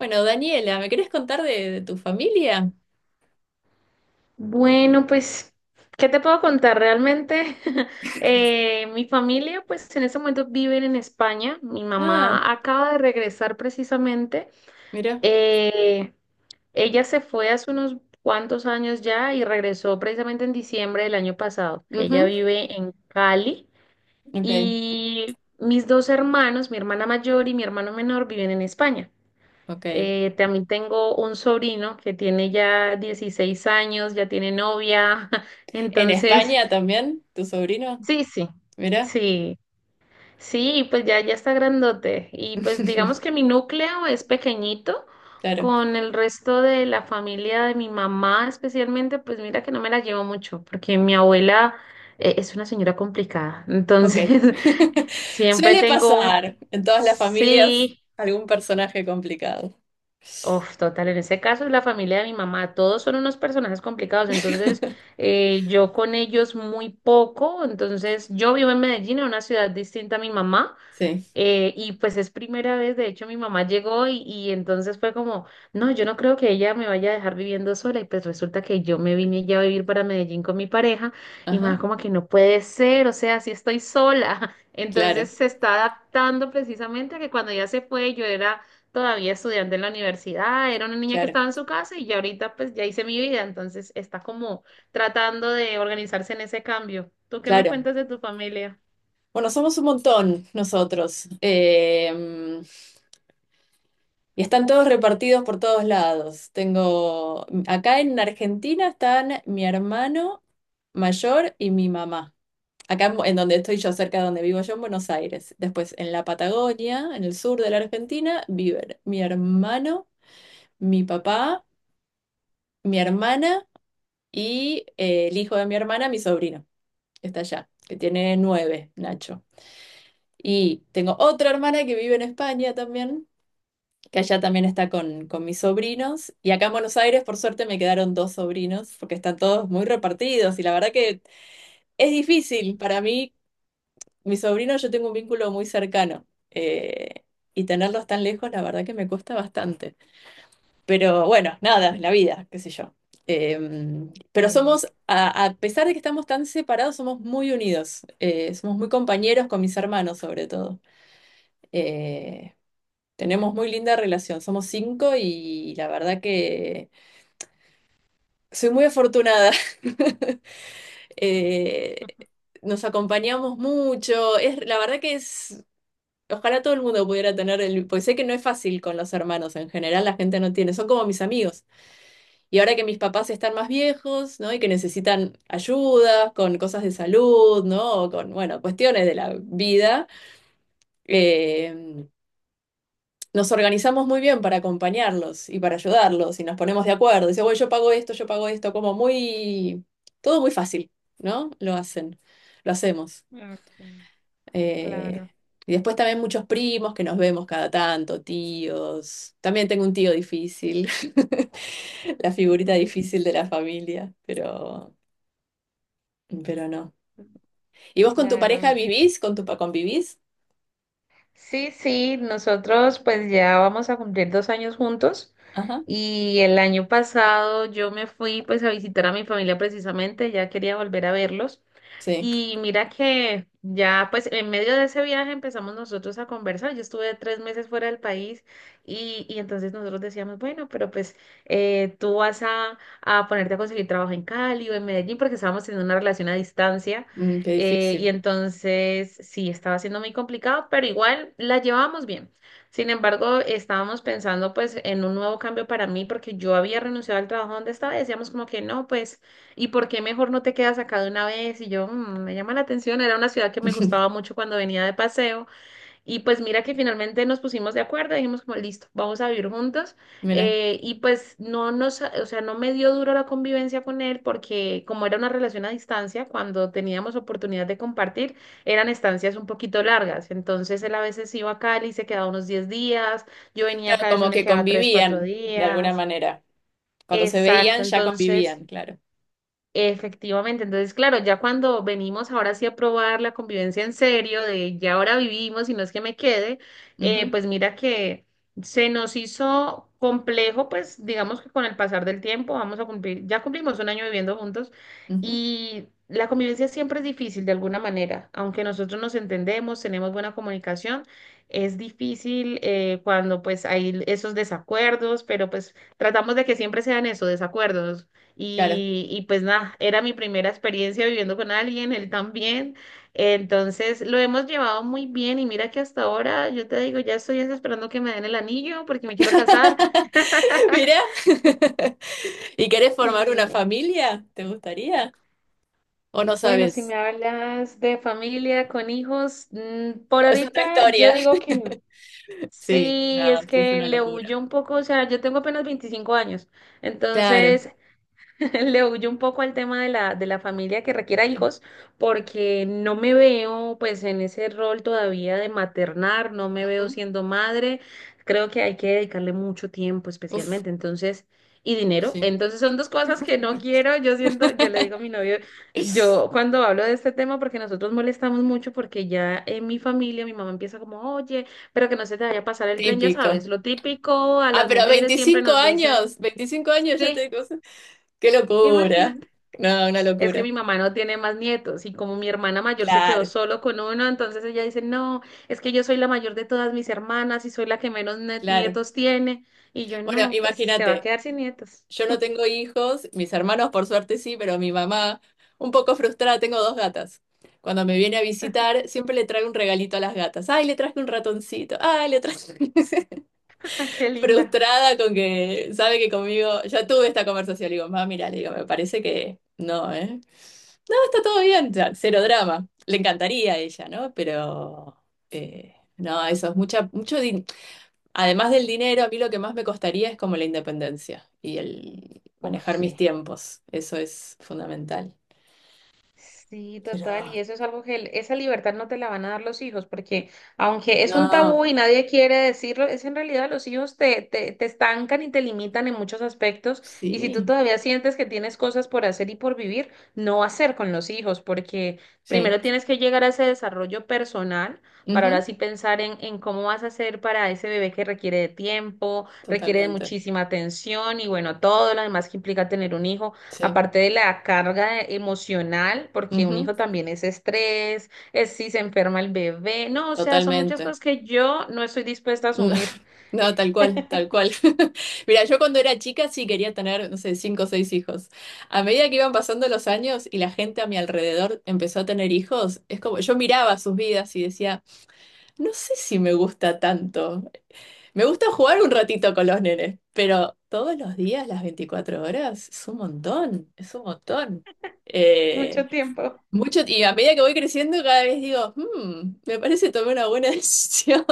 Bueno, Daniela, ¿me querés contar de tu familia? Bueno, pues, ¿qué te puedo contar? Realmente, mi familia, pues, en este momento viven en España. Mi Ah, mamá acaba de regresar precisamente. mira. Eh, ella se fue hace unos cuantos años ya y regresó precisamente en diciembre del año pasado. Ella Ujú, vive en Cali Ok, y mis dos hermanos, mi hermana mayor y mi hermano menor, viven en España. ok. También tengo un sobrino que tiene ya 16 años, ya tiene novia, ¿En entonces, España también, tu sobrino? sí, sí, Mira. sí, sí, pues ya está grandote. Y pues digamos que mi núcleo es pequeñito, Claro, con el resto de la familia de mi mamá especialmente, pues mira que no me la llevo mucho, porque mi abuela es una señora complicada, ok. entonces siempre Suele tengo, pasar en todas las familias sí. algún personaje complicado. Uf, total, en ese caso es la familia de mi mamá, todos son unos personajes complicados, entonces yo con ellos muy poco, entonces yo vivo en Medellín, en una ciudad distinta a mi mamá, Sí, y pues es primera vez, de hecho mi mamá llegó y entonces fue como, no, yo no creo que ella me vaya a dejar viviendo sola y pues resulta que yo me vine ya a vivir para Medellín con mi pareja y más ajá, como que no puede ser, o sea, si estoy sola. claro, Entonces se está adaptando precisamente a que cuando ella se fue yo era todavía estudiante en la universidad, era una niña que claro, estaba en su casa y ya ahorita pues ya hice mi vida, entonces está como tratando de organizarse en ese cambio. ¿Tú qué me claro. cuentas de tu familia? Bueno, somos un montón nosotros. Y están todos repartidos por todos lados. Acá en Argentina están mi hermano mayor y mi mamá. Acá en donde estoy yo, cerca de donde vivo yo, en Buenos Aires. Después en la Patagonia, en el sur de la Argentina, viven mi hermano, mi papá, mi hermana y el hijo de mi hermana, mi sobrino, que está allá, que tiene 9, Nacho. Y tengo otra hermana que vive en España también, que allá también está con mis sobrinos. Y acá en Buenos Aires, por suerte, me quedaron dos sobrinos, porque están todos muy repartidos. Y la verdad que es difícil para mí, mis sobrinos, yo tengo un vínculo muy cercano. Y tenerlos tan lejos, la verdad que me cuesta bastante. Pero bueno, nada, la vida, qué sé yo. Eh, pero Sí, somos, a pesar de que estamos tan separados, somos muy unidos. Somos muy compañeros con mis hermanos, sobre todo. Eh, tenemos muy linda relación, somos cinco y la verdad que soy muy afortunada. Eh, nos acompañamos mucho, es, la verdad que es, ojalá todo el mundo pudiera tener el, porque sé que no es fácil con los hermanos, en general la gente no tiene, son como mis amigos. Y ahora que mis papás están más viejos, ¿no? Y que necesitan ayuda con cosas de salud, ¿no? O con, bueno, cuestiones de la vida. Eh, nos organizamos muy bien para acompañarlos y para ayudarlos y nos ponemos de acuerdo. Dice, bueno, yo pago esto, como muy, todo muy fácil, ¿no? Lo hacen, lo hacemos. ok, Eh, claro. y después también muchos primos que nos vemos cada tanto, tíos. También tengo un tío difícil, la figurita difícil de la familia, pero no. ¿Y vos con tu Claro, pareja vivís? ¿Convivís? sí, sí, nosotros pues ya vamos a cumplir 2 años juntos Ajá. y el año pasado yo me fui pues a visitar a mi familia precisamente, ya quería volver a verlos Sí, y mira que ya, pues en medio de ese viaje empezamos nosotros a conversar. Yo estuve 3 meses fuera del país y entonces nosotros decíamos, bueno, pero pues tú vas a ponerte a conseguir trabajo en Cali o en Medellín porque estábamos teniendo una relación a distancia. Qué Y difícil. entonces sí, estaba siendo muy complicado, pero igual la llevábamos bien. Sin embargo, estábamos pensando pues en un nuevo cambio para mí porque yo había renunciado al trabajo donde estaba y decíamos como que no, pues... ¿Y por qué mejor no te quedas acá de una vez? Y yo, "Mm, me llama la atención, era una ciudad que me gustaba mucho cuando venía de paseo. Y pues mira que finalmente nos pusimos de acuerdo, dijimos como, listo, vamos a vivir juntos. Mira. Y pues no nos, o sea, no me dio duro la convivencia con él porque como era una relación a distancia, cuando teníamos oportunidad de compartir, eran estancias un poquito largas. Entonces él a veces iba a Cali, se quedaba unos 10 días, yo venía Claro, acá, a veces como me que quedaba 3 4 convivían de alguna días. manera. Cuando se veían, Exacto, ya entonces... convivían, claro. Efectivamente, entonces claro, ya cuando venimos ahora sí a probar la convivencia en serio, de ya ahora vivimos y no es que me quede, Ujú, pues mira que se nos hizo complejo, pues digamos que con el pasar del tiempo vamos a cumplir, ya cumplimos un año viviendo juntos ujú, y la convivencia siempre es difícil de alguna manera, aunque nosotros nos entendemos, tenemos buena comunicación, es difícil cuando pues hay esos desacuerdos, pero pues tratamos de que siempre sean esos desacuerdos claro. y pues nada, era mi primera experiencia viviendo con alguien, él también. Entonces lo hemos llevado muy bien y mira que hasta ahora, yo te digo, ya estoy esperando que me den el anillo porque me quiero casar. Mirá. ¿Y querés formar una Sí. familia? ¿Te gustaría? ¿O no Bueno, si me sabes? hablas de familia con hijos, por Es otra ahorita yo historia. digo que no. Sí, Sí, no, es sí es que una le locura. huyo un poco, o sea, yo tengo apenas 25 años, Claro. entonces Le huyo un poco al tema de la, familia que requiera Sí. hijos, porque no me veo pues en ese rol todavía de maternar, no me veo Ujú. siendo madre, creo que hay que dedicarle mucho tiempo Uf, especialmente, entonces, y dinero, sí. entonces son dos cosas que no quiero, yo siento, yo le digo a mi novio, yo cuando hablo de este tema, porque nosotros molestamos mucho, porque ya en mi familia mi mamá empieza como, oye, pero que no se te vaya a pasar el tren, ya Típico. sabes, lo típico, a Ah, las pero mujeres siempre 25 nos dicen, años, 25 años ya sí, te cosas. Qué locura. imagina. No, una Es que locura. mi mamá no tiene más nietos y como mi hermana mayor se quedó Claro. solo con uno, entonces ella dice, no, es que yo soy la mayor de todas mis hermanas y soy la que menos Claro. nietos tiene. Y yo, Bueno, no, pues se va a imagínate, quedar sin nietos. yo no tengo hijos, mis hermanos por suerte sí, pero mi mamá, un poco frustrada, tengo dos gatas. Cuando me viene a visitar, siempre le traigo un regalito a las gatas. Ay, le traje un ratoncito. Ay, le traje. Ah, qué linda. Frustrada con que sabe que conmigo, ya tuve esta conversación. Le digo, mamá, mira, le digo, me parece que no, ¿eh? No, está todo bien, ya, cero drama. Le encantaría a ella, ¿no? Pero no, eso es mucha, mucho. Además del dinero, a mí lo que más me costaría es como la independencia y el Oh, manejar mis sí. tiempos. Eso es fundamental. Sí, Pero, total, y eso es algo que el- esa libertad no te la van a dar los hijos, porque aunque es un no, tabú y nadie quiere decirlo, es en realidad los hijos te estancan y te limitan en muchos aspectos, y si tú sí, todavía sientes que tienes cosas por hacer y por vivir, no hacer con los hijos, porque sí, primero tienes que llegar a ese desarrollo personal para ujú, ahora sí pensar en cómo vas a hacer para ese bebé que requiere de tiempo, requiere de totalmente, muchísima atención y bueno, todo lo demás que implica tener un hijo. sí, Aparte de la carga emocional, porque un ujú, hijo también es estrés, es si se enferma el bebé, no, o sea, son muchas totalmente. cosas que yo no estoy dispuesta a No, asumir no, tal cual, tal cual. Mira, yo cuando era chica sí quería tener, no sé, cinco o seis hijos. A medida que iban pasando los años y la gente a mi alrededor empezó a tener hijos, es como yo miraba sus vidas y decía, no sé si me gusta tanto. Me gusta jugar un ratito con los nenes, pero todos los días, las 24 horas, es un montón, es un montón. Eh, mucho tiempo. mucho, y a medida que voy creciendo, cada vez digo, me parece que tomé una buena decisión.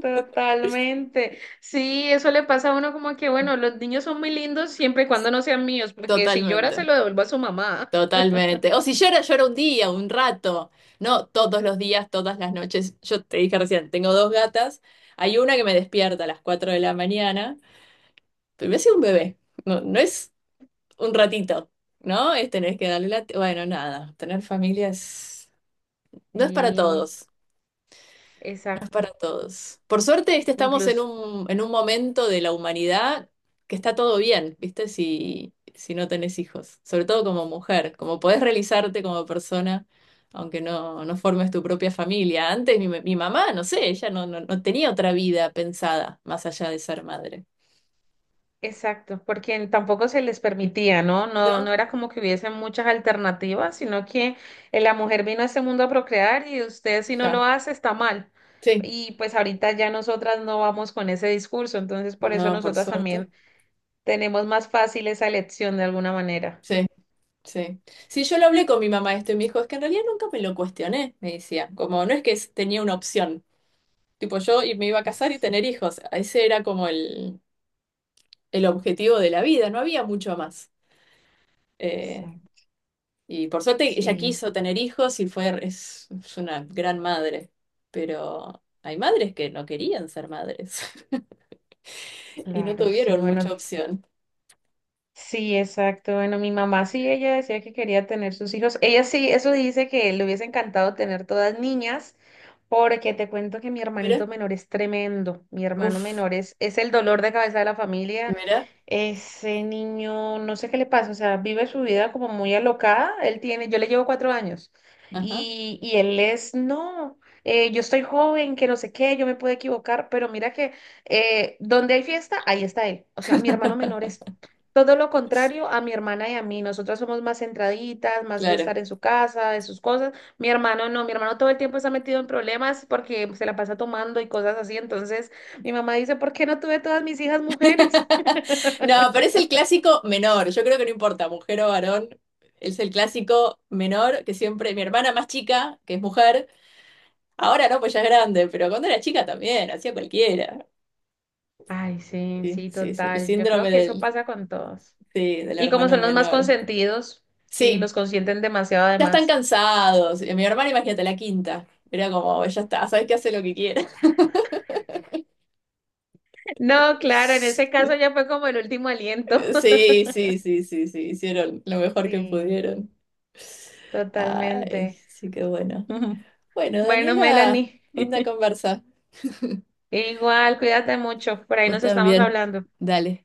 Totalmente. Sí, eso le pasa a uno como que, bueno, los niños son muy lindos siempre y cuando no sean míos, porque si llora Totalmente, se lo devuelvo a su mamá. totalmente. O si llora, llora un día, un rato. No todos los días, todas las noches. Yo te dije recién, tengo dos gatas. Hay una que me despierta a las 4 de la mañana, pero me hace un bebé. No, no es un ratito, ¿no? Es tener que darle la... Bueno, nada, tener familias no es para Sí, todos, no es exacto. para todos. Por suerte, estamos en Incluso. un, en un momento de la humanidad que está todo bien, ¿viste? Si no tenés hijos, sobre todo como mujer, como podés realizarte como persona. Aunque no, no formes tu propia familia. Antes mi mamá, no sé, ella no tenía otra vida pensada más allá de ser madre. Exacto, porque tampoco se les permitía, ¿no? No, No, no era como que hubiesen muchas alternativas, sino que la mujer vino a este mundo a procrear y usted si no ya. lo hace está mal. Sí, Y pues ahorita ya nosotras no vamos con ese discurso, entonces por eso no, por nosotras suerte. también tenemos más fácil esa elección de alguna manera. Sí. Sí. Sí, yo lo hablé con mi mamá esto y me dijo, es que en realidad nunca me lo cuestioné, me decía. Como no es que tenía una opción. Tipo, yo y me iba a casar y tener Exacto, hijos. Ese era como el objetivo de la vida, no había mucho más. Eh, exacto. y por suerte ella Sí, quiso tener hijos y fue, es una gran madre. Pero hay madres que no querían ser madres y no claro, sí, tuvieron mucha bueno, opción. sí, exacto. Bueno, mi mamá sí, ella decía que quería tener sus hijos. Ella sí, eso dice que le hubiese encantado tener todas niñas, porque te cuento que mi Mira, hermanito menor es tremendo. Mi hermano uff, menor es el dolor de cabeza de la familia. mira, Ese niño, no sé qué le pasa, o sea, vive su vida como muy alocada. Él tiene, yo le llevo 4 años ajá, y él es, no, yo estoy joven, que no sé qué, yo me puedo equivocar, pero mira que donde hay fiesta, ahí está él. O sea, mi hermano menor es todo lo contrario a mi hermana y a mí. Nosotras somos más centraditas, más de claro. estar en su casa, de sus cosas. Mi hermano no, mi hermano todo el tiempo está metido en problemas porque se la pasa tomando y cosas así. Entonces, mi mamá dice, ¿por qué no tuve todas mis hijas mujeres? No, pero es el clásico menor. Yo creo que no importa, mujer o varón. Es el clásico menor que siempre. Mi hermana más chica, que es mujer, ahora no, pues ya es grande, pero cuando era chica también, hacía cualquiera. Ay, sí, Sí, sí, sí, sí, el total. Yo creo síndrome que eso del, pasa con todos. sí, del Y como hermano son los más menor. consentidos, sí, los Sí, consienten demasiado ya están además. cansados. Y mi hermana, imagínate, la quinta. Era como, ya está, sabes que hace lo que quiera. No, claro, en ese caso ya fue como el último aliento. Sí, sí, sí, sí, sí, hicieron lo mejor que Sí, pudieron. Ay, totalmente. sí, que bueno. Bueno, Bueno, Daniela, Melanie, linda conversa. igual, cuídate mucho. Por ahí Vos nos estamos también. hablando. Dale.